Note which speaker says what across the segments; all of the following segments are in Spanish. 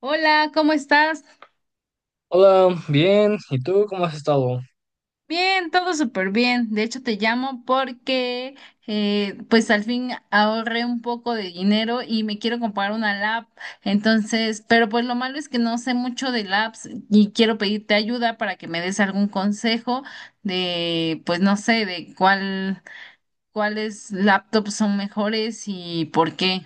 Speaker 1: Hola, ¿cómo estás?
Speaker 2: Hola, bien. ¿Y tú cómo has estado?
Speaker 1: Bien, todo súper bien. De hecho, te llamo porque pues al fin ahorré un poco de dinero y me quiero comprar una lap. Pero pues lo malo es que no sé mucho de laps y quiero pedirte ayuda para que me des algún consejo de, pues no sé, ¿cuáles laptops son mejores y por qué?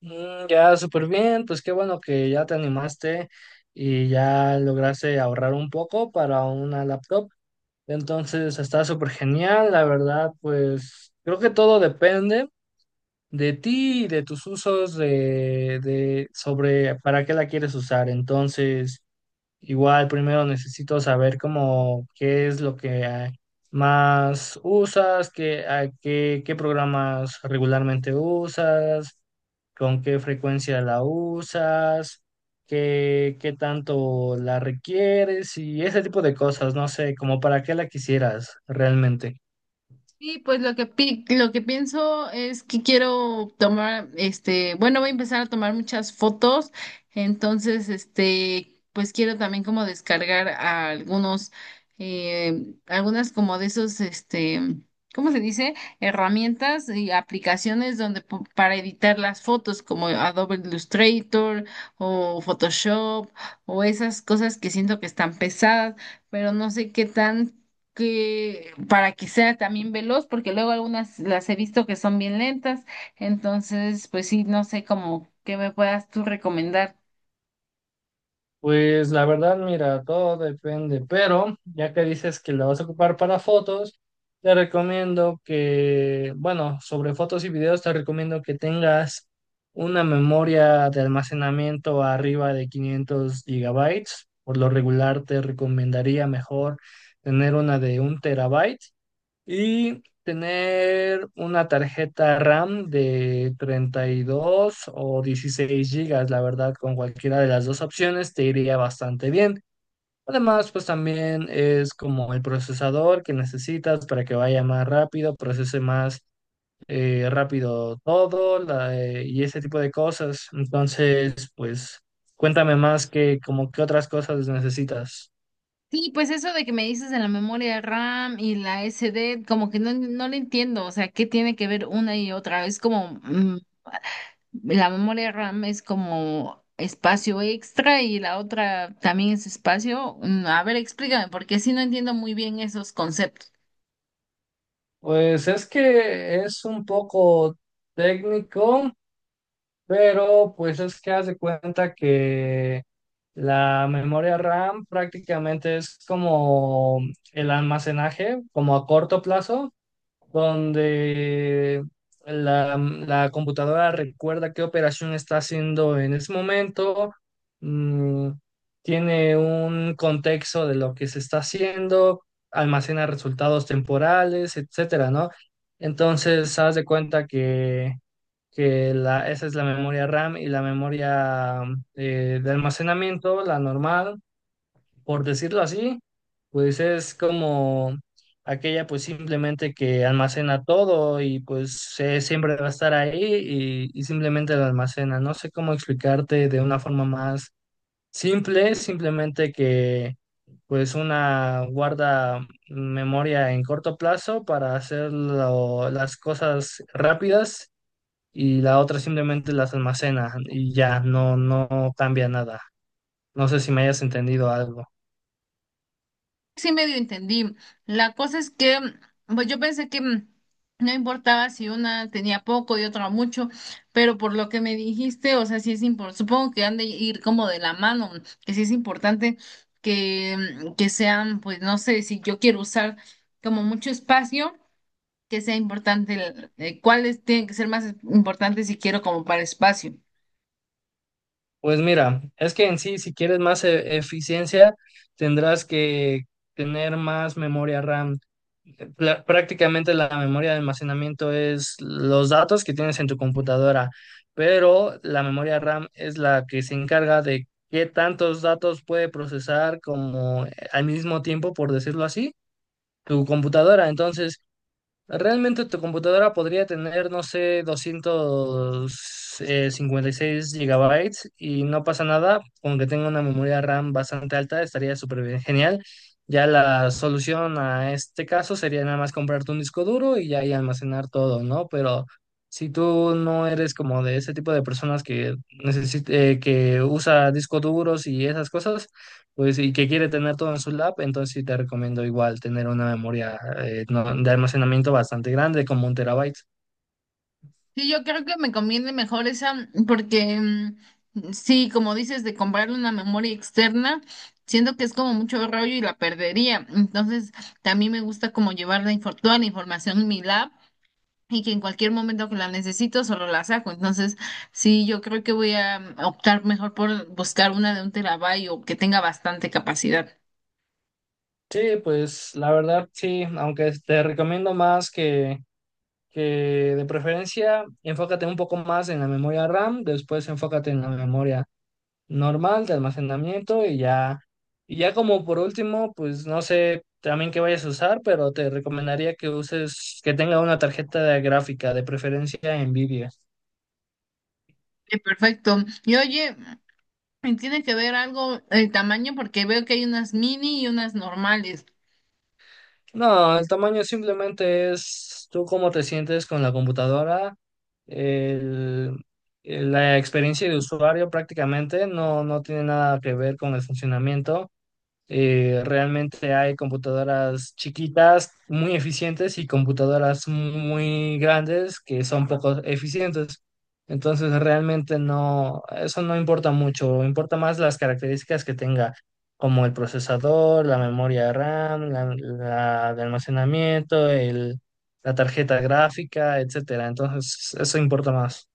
Speaker 2: Ya súper bien. Pues qué bueno que ya te animaste y ya lograste ahorrar un poco para una laptop. Entonces está súper genial. La verdad, pues creo que todo depende de ti y de tus usos de sobre para qué la quieres usar. Entonces. Igual primero necesito saber cómo qué es lo que más usas, qué programas regularmente usas, con qué frecuencia la usas, qué tanto la requieres y ese tipo de cosas, no sé, como para qué la quisieras realmente.
Speaker 1: Sí, pues lo que pienso es que quiero tomar, bueno, voy a empezar a tomar muchas fotos, entonces, pues quiero también como descargar a algunas como de ¿cómo se dice? Herramientas y aplicaciones para editar las fotos como Adobe Illustrator o Photoshop o esas cosas que siento que están pesadas, pero no sé qué tan que para que sea también veloz, porque luego algunas las he visto que son bien lentas, entonces pues sí, no sé cómo qué me puedas tú recomendar.
Speaker 2: Pues la verdad, mira, todo depende, pero ya que dices que la vas a ocupar para fotos, te recomiendo que, bueno, sobre fotos y videos, te recomiendo que tengas una memoria de almacenamiento arriba de 500 gigabytes. Por lo regular, te recomendaría mejor tener una de un terabyte y tener una tarjeta RAM de 32 o 16 gigas, la verdad, con cualquiera de las dos opciones te iría bastante bien. Además, pues también es como el procesador que necesitas para que vaya más rápido, procese más rápido todo y ese tipo de cosas. Entonces, pues cuéntame más que como qué otras cosas necesitas.
Speaker 1: Sí, pues eso de que me dices de la memoria RAM y la SD, como que no, no le entiendo, o sea, ¿qué tiene que ver una y otra? Es como, la memoria RAM es como espacio extra y la otra también es espacio. A ver, explícame, porque sí no entiendo muy bien esos conceptos.
Speaker 2: Pues es que es un poco técnico, pero pues es que haz de cuenta que la memoria RAM prácticamente es como el almacenaje, como a corto plazo, donde la computadora recuerda qué operación está haciendo en ese momento, mm, tiene un contexto de lo que se está haciendo, almacena resultados temporales, etcétera, ¿no? Entonces, haz de cuenta que esa es la memoria RAM y la memoria de almacenamiento, la normal, por decirlo así, pues es como aquella pues simplemente que almacena todo y pues siempre va a estar ahí y simplemente la almacena. No sé cómo explicarte de una forma más simple, simplemente que pues una guarda memoria en corto plazo para hacer lo- las cosas rápidas y la otra simplemente las almacena y ya no cambia nada. No sé si me hayas entendido algo.
Speaker 1: Sí, medio entendí. La cosa es que, pues yo pensé que no importaba si una tenía poco y otra mucho, pero por lo que me dijiste, o sea, sí es importante, supongo que han de ir como de la mano, que sí es importante que, que sean, pues no sé, si yo quiero usar como mucho espacio, que sea importante, cuáles tienen que ser más importantes si quiero como para espacio.
Speaker 2: Pues mira, es que en sí, si quieres más eficiencia, tendrás que tener más memoria RAM. Pla- Prácticamente la memoria de almacenamiento es los datos que tienes en tu computadora, pero la memoria RAM es la que se encarga de qué tantos datos puede procesar como al mismo tiempo, por decirlo así, tu computadora. Entonces, realmente tu computadora podría tener, no sé, doscientos cincuenta y seis gigabytes y no pasa nada, aunque tenga una memoria RAM bastante alta, estaría súper bien, genial. Ya la solución a este caso sería nada más comprarte un disco duro y ya ahí almacenar todo, ¿no? Pero si tú no eres como de ese tipo de personas que necesite, que usa discos duros y esas cosas, pues, y que quiere tener todo en su lab, entonces sí te recomiendo igual tener una memoria de almacenamiento bastante grande, como un terabyte.
Speaker 1: Sí, yo creo que me conviene mejor esa, porque sí, como dices, de comprarle una memoria externa, siento que es como mucho rollo y la perdería. Entonces, también me gusta como llevar toda la información en mi lab y que en cualquier momento que la necesito solo la saco. Entonces, sí, yo creo que voy a optar mejor por buscar una de un terabyte o que tenga bastante capacidad.
Speaker 2: Sí, pues la verdad sí, aunque te recomiendo más que de preferencia enfócate un poco más en la memoria RAM, después enfócate en la memoria normal de almacenamiento y ya como por último, pues no sé también qué vayas a usar, pero te recomendaría que uses, que tenga una tarjeta gráfica, de preferencia NVIDIA.
Speaker 1: Perfecto. Y oye, ¿tiene que ver algo el tamaño? Porque veo que hay unas mini y unas normales.
Speaker 2: No, el tamaño simplemente es tú cómo te sientes con la computadora, el- la experiencia de usuario prácticamente no, no tiene nada que ver con el funcionamiento. Realmente hay computadoras chiquitas, muy eficientes, y computadoras muy grandes que son poco eficientes. Entonces, realmente no, eso no importa mucho, importa más las características que tenga, como el procesador, la memoria RAM, la de almacenamiento, la tarjeta gráfica, etcétera. Entonces, eso importa más.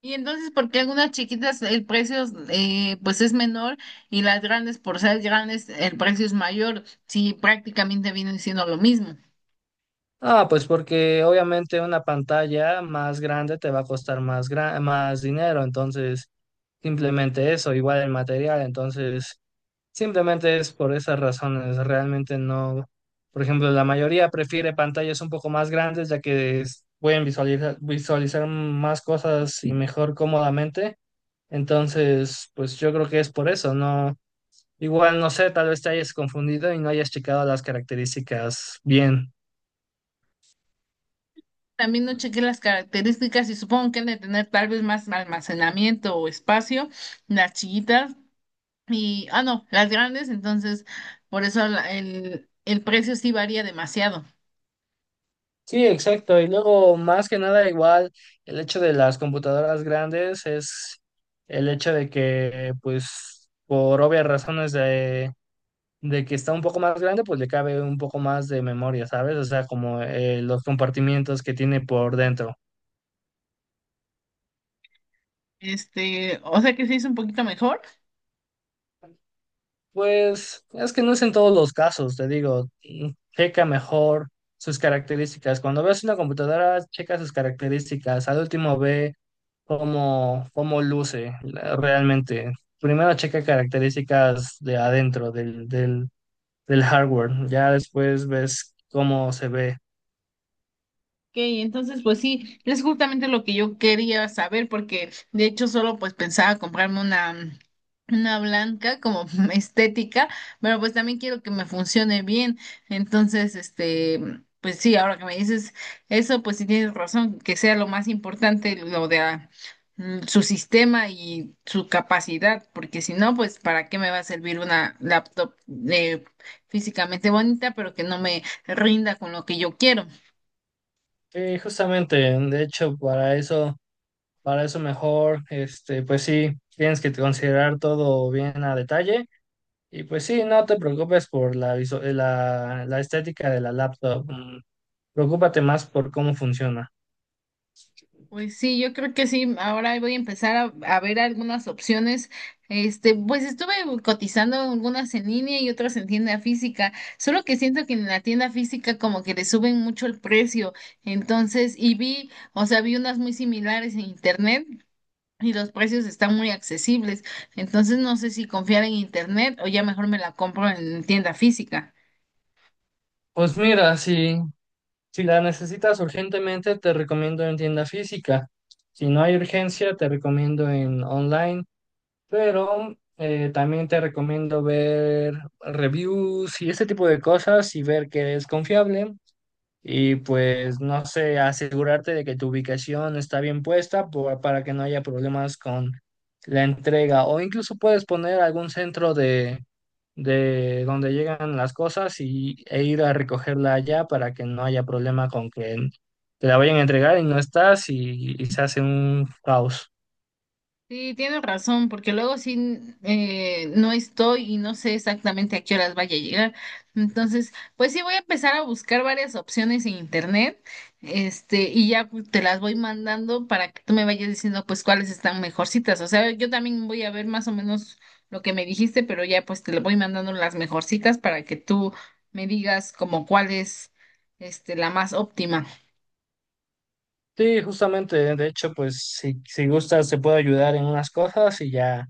Speaker 1: Y entonces, ¿por qué algunas chiquitas el precio pues es menor y las grandes, por ser grandes, el precio es mayor? Si prácticamente vienen siendo lo mismo.
Speaker 2: Ah, pues porque obviamente una pantalla más grande te va a costar más, más dinero, entonces simplemente eso, igual el material, entonces simplemente es por esas razones, realmente no, por ejemplo, la mayoría prefiere pantallas un poco más grandes ya que pueden visualizar, más cosas y mejor cómodamente, entonces pues yo creo que es por eso, no, igual no sé, tal vez te hayas confundido y no hayas checado las características bien.
Speaker 1: También no chequé las características y supongo que han de tener tal vez más almacenamiento o espacio, las chiquitas y, ah, no, las grandes, entonces por eso el precio sí varía demasiado.
Speaker 2: Sí, exacto. Y luego, más que nada, igual el hecho de las computadoras grandes es el hecho de que, pues, por obvias razones de que está un poco más grande, pues le cabe un poco más de memoria, ¿sabes? O sea, como los compartimientos que tiene por dentro.
Speaker 1: O sea que se hizo un poquito mejor.
Speaker 2: Pues es que no es en todos los casos, te digo, mm, checa mejor sus características. Cuando ves una computadora, checa sus características. Al último ve cómo, cómo luce realmente. Primero checa características de adentro del hardware, ya después ves cómo se ve.
Speaker 1: Ok, entonces pues sí, es justamente lo que yo quería saber porque de hecho solo pues pensaba comprarme una blanca como estética, pero pues también quiero que me funcione bien. Entonces, pues sí, ahora que me dices eso, pues sí tienes razón, que sea lo más importante lo de su sistema y su capacidad, porque si no, pues para qué me va a servir una laptop eh, físicamente bonita, pero que no me rinda con lo que yo quiero.
Speaker 2: Justamente, de hecho, para eso mejor, este, pues sí, tienes que considerar todo bien a detalle. Y pues sí, no te preocupes por la estética de la laptop. Preocúpate más por cómo funciona.
Speaker 1: Pues sí, yo creo que sí. Ahora voy a empezar a ver algunas opciones. Pues estuve cotizando algunas en línea y otras en tienda física. Solo que siento que en la tienda física como que le suben mucho el precio. Entonces, y vi, o sea, vi unas muy similares en internet y los precios están muy accesibles. Entonces, no sé si confiar en internet o ya mejor me la compro en tienda física.
Speaker 2: Pues mira, sí. Si la necesitas urgentemente, te recomiendo en tienda física. Si no hay urgencia, te recomiendo en online, pero también te recomiendo ver reviews y ese tipo de cosas y ver que es confiable y pues no sé, asegurarte de que tu ubicación está bien puesta para que no haya problemas con la entrega o incluso puedes poner algún centro de, donde llegan las cosas e ir a recogerla allá para que no haya problema con que te la vayan a entregar y no estás y se hace un caos.
Speaker 1: Sí, tienes razón, porque luego sí no estoy y no sé exactamente a qué horas vaya a llegar. Entonces, pues sí voy a empezar a buscar varias opciones en internet, y ya pues, te las voy mandando para que tú me vayas diciendo pues cuáles están mejorcitas. O sea, yo también voy a ver más o menos lo que me dijiste, pero ya pues te lo voy mandando las mejorcitas para que tú me digas como cuál es la más óptima.
Speaker 2: Sí, justamente, de hecho, pues si gustas te puedo ayudar en unas cosas y ya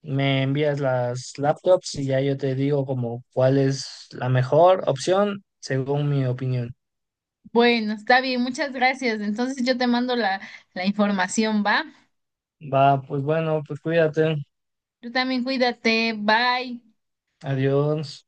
Speaker 2: me envías las laptops y ya yo te digo como cuál es la mejor opción según mi opinión.
Speaker 1: Bueno, está bien, muchas gracias. Entonces yo te mando la información, ¿va?
Speaker 2: Va, pues bueno, pues cuídate.
Speaker 1: Tú también cuídate. Bye.
Speaker 2: Adiós.